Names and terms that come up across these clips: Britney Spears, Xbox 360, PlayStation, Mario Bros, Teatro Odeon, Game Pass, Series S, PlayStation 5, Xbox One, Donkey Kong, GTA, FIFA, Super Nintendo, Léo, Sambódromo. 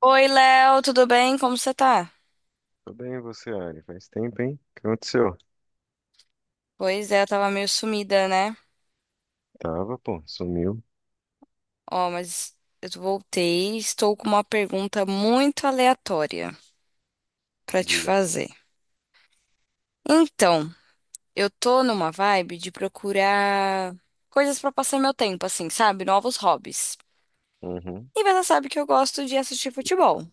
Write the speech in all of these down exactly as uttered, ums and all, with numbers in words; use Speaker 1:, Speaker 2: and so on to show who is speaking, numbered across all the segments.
Speaker 1: Oi, Léo, tudo bem? Como você tá?
Speaker 2: Tô bem, e você, Ari. Faz tempo, hein? O que aconteceu?
Speaker 1: Pois é, eu tava meio sumida, né?
Speaker 2: Tava, pô, sumiu.
Speaker 1: Ó, mas eu voltei e estou com uma pergunta muito aleatória pra te
Speaker 2: Diga.
Speaker 1: fazer. Então, eu tô numa vibe de procurar coisas pra passar meu tempo, assim, sabe? Novos hobbies.
Speaker 2: Uhum,
Speaker 1: E você sabe que eu gosto de assistir futebol.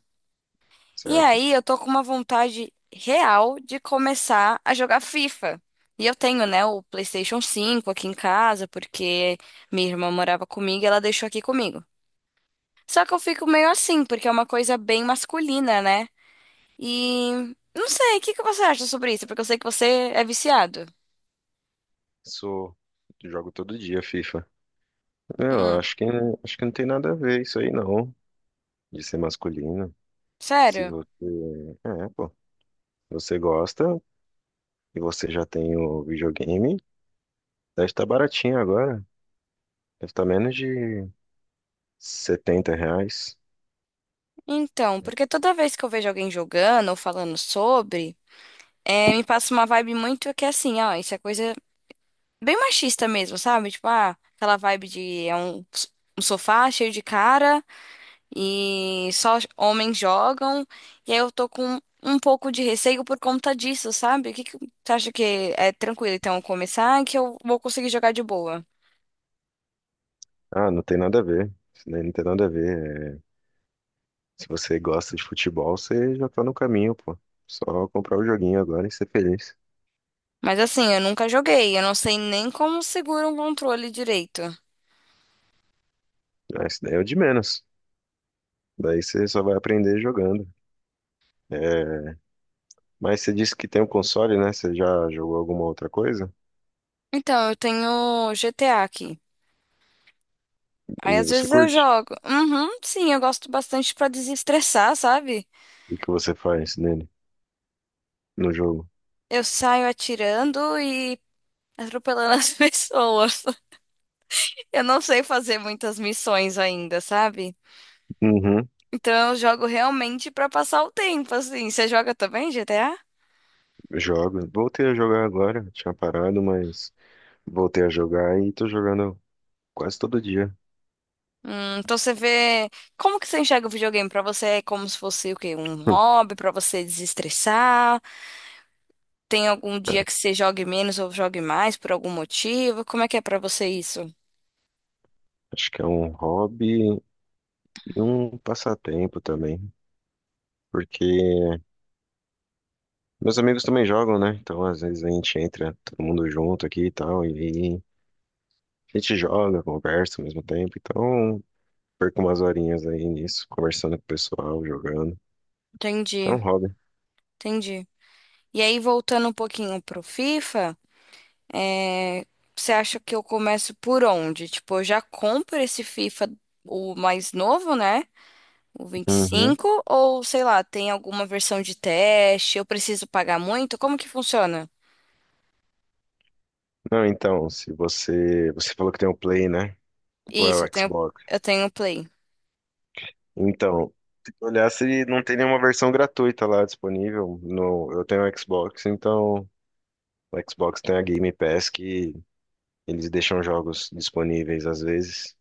Speaker 1: E
Speaker 2: certo?
Speaker 1: aí, eu tô com uma vontade real de começar a jogar FIFA. E eu tenho, né, o PlayStation cinco aqui em casa, porque minha irmã morava comigo e ela deixou aqui comigo. Só que eu fico meio assim, porque é uma coisa bem masculina, né? E não sei, o que que você acha sobre isso? Porque eu sei que você é viciado.
Speaker 2: Sou. Jogo todo dia FIFA. É, Eu
Speaker 1: Hum,
Speaker 2: acho que, acho que não tem nada a ver isso aí, não. De ser masculino. Se
Speaker 1: sério?
Speaker 2: você. É, pô. Você gosta e você já tem o videogame, deve estar baratinho agora. Deve estar menos de setenta reais.
Speaker 1: Então, porque toda vez que eu vejo alguém jogando ou falando sobre, é, me passa uma vibe muito que é assim, ó, isso é coisa bem machista mesmo, sabe? Tipo, ah, aquela vibe de é um, um sofá cheio de cara e só homens jogam. E aí eu tô com um pouco de receio por conta disso, sabe? O que que você acha que é tranquilo então começar que eu vou conseguir jogar de boa?
Speaker 2: Ah, não tem nada a ver. Isso daí não tem nada a ver. Se você gosta de futebol, você já tá no caminho, pô. Só comprar o joguinho agora e ser feliz.
Speaker 1: Mas assim, eu nunca joguei, eu não sei nem como segura um controle direito.
Speaker 2: Ah, isso daí é o de menos. Daí você só vai aprender jogando. É, Mas você disse que tem um console, né? Você já jogou alguma outra coisa?
Speaker 1: Então, eu tenho G T A aqui. Aí
Speaker 2: E
Speaker 1: às
Speaker 2: você
Speaker 1: vezes eu
Speaker 2: curte?
Speaker 1: jogo. Uhum, sim, eu gosto bastante pra desestressar, sabe?
Speaker 2: E o que você faz nele, no jogo?
Speaker 1: Eu saio atirando e atropelando as pessoas. Eu não sei fazer muitas missões ainda, sabe?
Speaker 2: Uhum,
Speaker 1: Então eu jogo realmente pra passar o tempo, assim. Você joga também G T A?
Speaker 2: jogo. Voltei a jogar agora. Tinha parado, mas voltei a jogar e tô jogando quase todo dia.
Speaker 1: Hum, então você vê. Como que você enxerga o videogame? Pra você é como se fosse o quê? Um hobby pra você desestressar? Tem algum dia que você jogue menos ou jogue mais por algum motivo? Como é que é pra você isso?
Speaker 2: Acho que é um hobby e um passatempo também, porque meus amigos também jogam, né? Então, às vezes a gente entra todo mundo junto aqui e tal, e a gente joga, conversa ao mesmo tempo. Então, perco umas horinhas aí nisso, conversando com o pessoal, jogando. É um
Speaker 1: Entendi,
Speaker 2: hobby.
Speaker 1: entendi. E aí, voltando um pouquinho pro FIFA. É, você acha que eu começo por onde? Tipo, eu já compro esse FIFA, o mais novo, né? O vinte e
Speaker 2: Uhum.
Speaker 1: cinco? Ou sei lá, tem alguma versão de teste? Eu preciso pagar muito? Como que funciona?
Speaker 2: Não, então, se você. Você falou que tem um Play, né? Ou é
Speaker 1: Isso,
Speaker 2: o
Speaker 1: eu tenho,
Speaker 2: Xbox?
Speaker 1: eu tenho Play.
Speaker 2: Então, se tu olhar se não tem nenhuma versão gratuita lá disponível. No... Eu tenho o Xbox, então. O Xbox tem a Game Pass que eles deixam jogos disponíveis às vezes.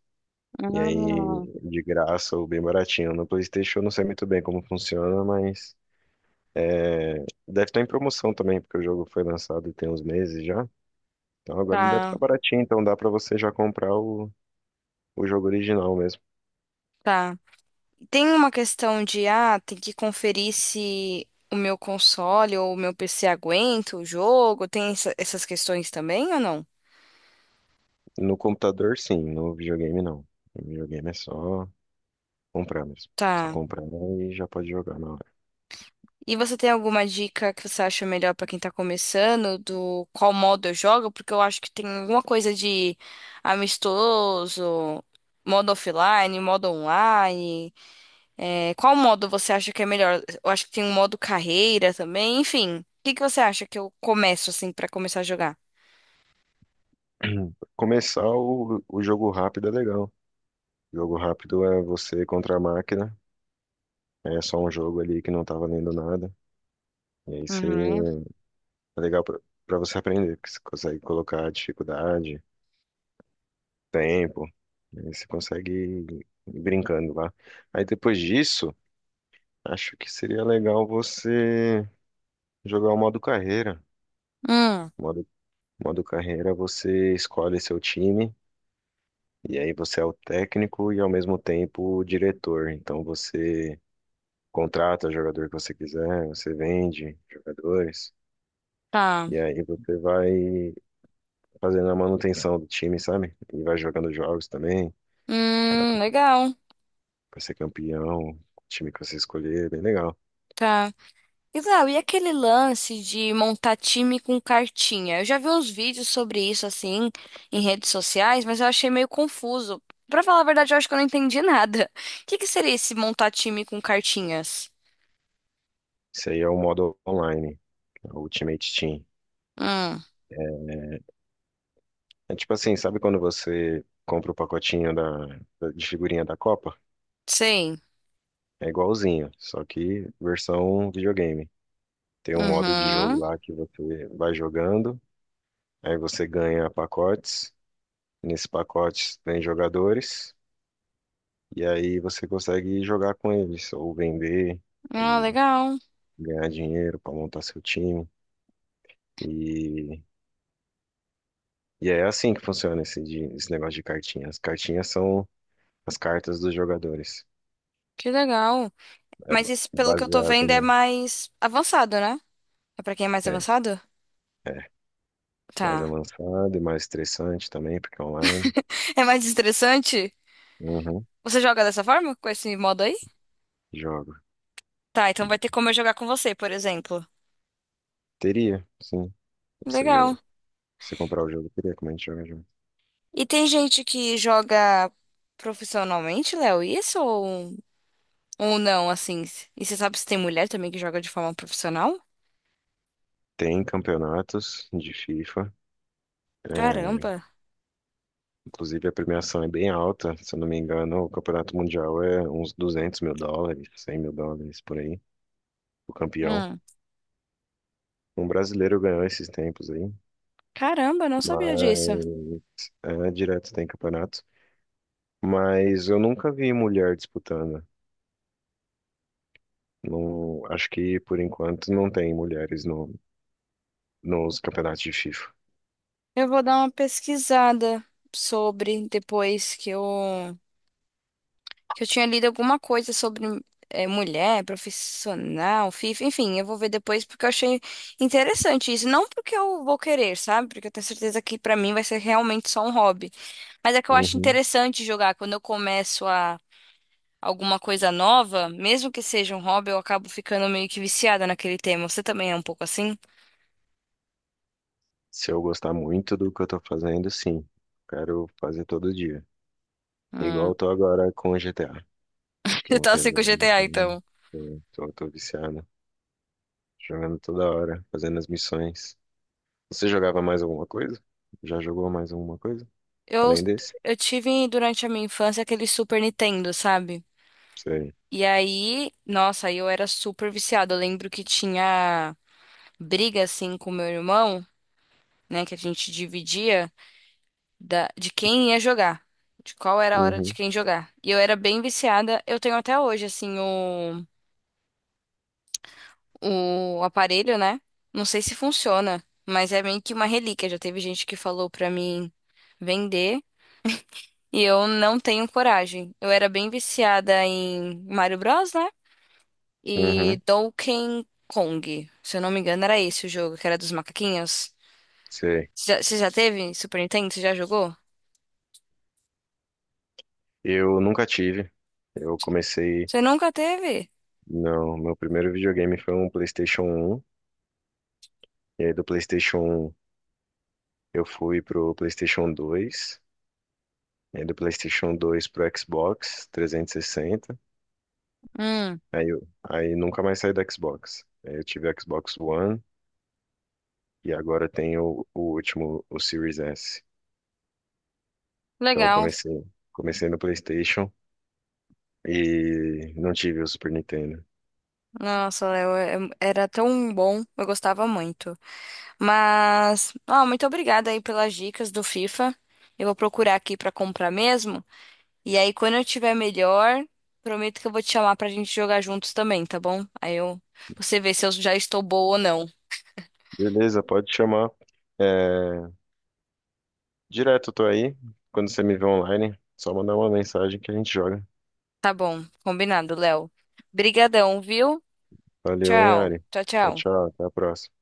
Speaker 2: E
Speaker 1: Ah,
Speaker 2: aí, de graça ou bem baratinho. No PlayStation eu não sei muito bem como funciona, mas é, deve estar em promoção também, porque o jogo foi lançado tem uns meses já. Então agora ele deve estar
Speaker 1: tá,
Speaker 2: baratinho, então dá pra você já comprar o, o jogo original mesmo.
Speaker 1: tá. Tem uma questão de, ah, tem que conferir se o meu console ou o meu P C aguenta o jogo? Tem essa- essas questões também ou não?
Speaker 2: No computador, sim, no videogame não. No videogame é só comprar mesmo. Só
Speaker 1: Tá.
Speaker 2: comprar e já pode jogar na hora.
Speaker 1: E você tem alguma dica que você acha melhor pra quem tá começando, do qual modo eu jogo? Porque eu acho que tem alguma coisa de amistoso, modo offline, modo online. É, qual modo você acha que é melhor? Eu acho que tem um modo carreira também, enfim. O que que você acha que eu começo assim pra começar a jogar?
Speaker 2: Começar o, o jogo rápido é legal. Jogo rápido é você contra a máquina. É só um jogo ali que não tá valendo nada. E aí você
Speaker 1: Uhum.
Speaker 2: é legal pra pra você aprender, porque você consegue colocar dificuldade, tempo, né? Você consegue ir brincando lá. Aí depois disso, acho que seria legal você jogar o modo carreira.
Speaker 1: Hum,
Speaker 2: Modo, modo carreira, você escolhe seu time, e aí você é o técnico e ao mesmo tempo o diretor. Então você contrata o jogador que você quiser, você vende jogadores.
Speaker 1: tá.
Speaker 2: E aí você vai fazendo a manutenção do time, sabe? E vai jogando jogos também.
Speaker 1: Hum, legal.
Speaker 2: Pra ser campeão, o time que você escolher, é bem legal.
Speaker 1: Tá. Isau, e aquele lance de montar time com cartinha? Eu já vi uns vídeos sobre isso, assim, em redes sociais, mas eu achei meio confuso. Pra falar a verdade, eu acho que eu não entendi nada. O que que seria esse montar time com cartinhas?
Speaker 2: Isso aí é o modo online, é o Ultimate Team.
Speaker 1: Hum,
Speaker 2: É tipo assim, sabe quando você compra o pacotinho da, da- de figurinha da Copa?
Speaker 1: sei.
Speaker 2: É igualzinho, só que versão videogame. Tem um modo de jogo
Speaker 1: Uhum.
Speaker 2: lá que você vai jogando, aí você ganha pacotes. Nesses pacotes tem jogadores, e aí você consegue jogar com eles, ou vender
Speaker 1: Ah,
Speaker 2: e
Speaker 1: legal.
Speaker 2: ganhar dinheiro para montar seu time. E e é assim que funciona esse, de- esse negócio de cartinha. As cartinhas são as cartas dos jogadores.
Speaker 1: Que legal.
Speaker 2: É
Speaker 1: Mas
Speaker 2: ba-
Speaker 1: isso,
Speaker 2: é
Speaker 1: pelo que eu tô
Speaker 2: baseado,
Speaker 1: vendo, é
Speaker 2: né?
Speaker 1: mais avançado, né? É pra quem é mais
Speaker 2: É,
Speaker 1: avançado?
Speaker 2: é. Mais
Speaker 1: Tá.
Speaker 2: avançado e mais estressante também, porque é online.
Speaker 1: É mais estressante?
Speaker 2: Uhum.
Speaker 1: Você joga dessa forma? Com esse modo aí?
Speaker 2: Jogo.
Speaker 1: Tá, então vai ter como eu jogar com você, por exemplo.
Speaker 2: Teria, sim. Você joga.
Speaker 1: Legal.
Speaker 2: Se comprar o jogo, teria como a gente joga junto.
Speaker 1: E tem gente que joga profissionalmente, Léo, isso ou, ou não, assim? E você sabe se tem mulher também que joga de forma profissional?
Speaker 2: Tem campeonatos de FIFA. é,
Speaker 1: Caramba.
Speaker 2: Inclusive a premiação é bem alta. Se eu não me engano, o campeonato mundial é uns duzentos mil dólares, cem mil dólares por aí. O campeão.
Speaker 1: Hum.
Speaker 2: Um brasileiro ganhou esses tempos aí.
Speaker 1: Caramba, não sabia disso.
Speaker 2: Mas é, direto tem campeonato. Mas eu nunca vi mulher disputando. Não, acho que por enquanto não tem mulheres no, nos campeonatos de FIFA.
Speaker 1: Eu vou dar uma pesquisada sobre depois que eu que eu tinha lido alguma coisa sobre eh, mulher, profissional, FIFA, enfim, eu vou ver depois porque eu achei interessante isso. Não porque eu vou querer, sabe? Porque eu tenho certeza que pra mim vai ser realmente só um hobby. Mas é que eu acho
Speaker 2: Uhum.
Speaker 1: interessante jogar. Quando eu começo a alguma coisa nova, mesmo que seja um hobby, eu acabo ficando meio que viciada naquele tema. Você também é um pouco assim?
Speaker 2: Se eu gostar muito do que eu tô fazendo, sim. Quero fazer todo dia. Igual
Speaker 1: Hum.
Speaker 2: eu tô agora com o G T A, que eu
Speaker 1: Você tá
Speaker 2: voltei a
Speaker 1: assim com o
Speaker 2: jogar
Speaker 1: G T A,
Speaker 2: G T A.
Speaker 1: então.
Speaker 2: Tô, tô, tô viciado. Jogando toda hora, fazendo as missões. Você jogava mais alguma coisa? Já jogou mais alguma coisa?
Speaker 1: Eu,
Speaker 2: Além desse?
Speaker 1: eu tive durante a minha infância aquele Super Nintendo, sabe?
Speaker 2: Sei.
Speaker 1: E aí, nossa, aí eu era super viciada. Eu lembro que tinha briga assim com meu irmão, né, que a gente dividia da, de quem ia jogar. De qual era a hora de
Speaker 2: Uhum.
Speaker 1: quem jogar. E eu era bem viciada. Eu tenho até hoje, assim, o. o aparelho, né? Não sei se funciona, mas é meio que uma relíquia. Já teve gente que falou pra mim vender e eu não tenho coragem. Eu era bem viciada em Mario Bros, né? E
Speaker 2: Uhum.
Speaker 1: Donkey Kong. Se eu não me engano, era esse o jogo, que era dos macaquinhos.
Speaker 2: Sei.
Speaker 1: Você já, você já teve Super Nintendo? Você já jogou?
Speaker 2: Eu nunca tive. Eu comecei.
Speaker 1: Você nunca teve?
Speaker 2: Não, meu primeiro videogame foi um PlayStation um. E aí do PlayStation um eu fui pro PlayStation dois. E aí do PlayStation dois pro Xbox trezentos e sessenta.
Speaker 1: Hum,
Speaker 2: Aí, eu- aí nunca mais saí do Xbox. Aí eu tive Xbox One e agora tenho o último, o Series S. Então eu
Speaker 1: legal.
Speaker 2: comecei, comecei no PlayStation e não tive o Super Nintendo.
Speaker 1: Nossa, Léo, é- era tão bom. Eu gostava muito. Mas, ó, muito obrigada aí pelas dicas do FIFA. Eu vou procurar aqui pra comprar mesmo. E aí, quando eu tiver melhor, prometo que eu vou te chamar pra gente jogar juntos também, tá bom? Aí eu, você vê se eu já estou boa ou não.
Speaker 2: Beleza, pode chamar. É, direto, tô aí. Quando você me vê online, só mandar uma mensagem que a gente joga.
Speaker 1: Tá bom, combinado, Léo. Brigadão, viu?
Speaker 2: Valeu, hein,
Speaker 1: Tchau,
Speaker 2: Ari?
Speaker 1: tchau,
Speaker 2: Tchau,
Speaker 1: tchau.
Speaker 2: tchau. Até a próxima.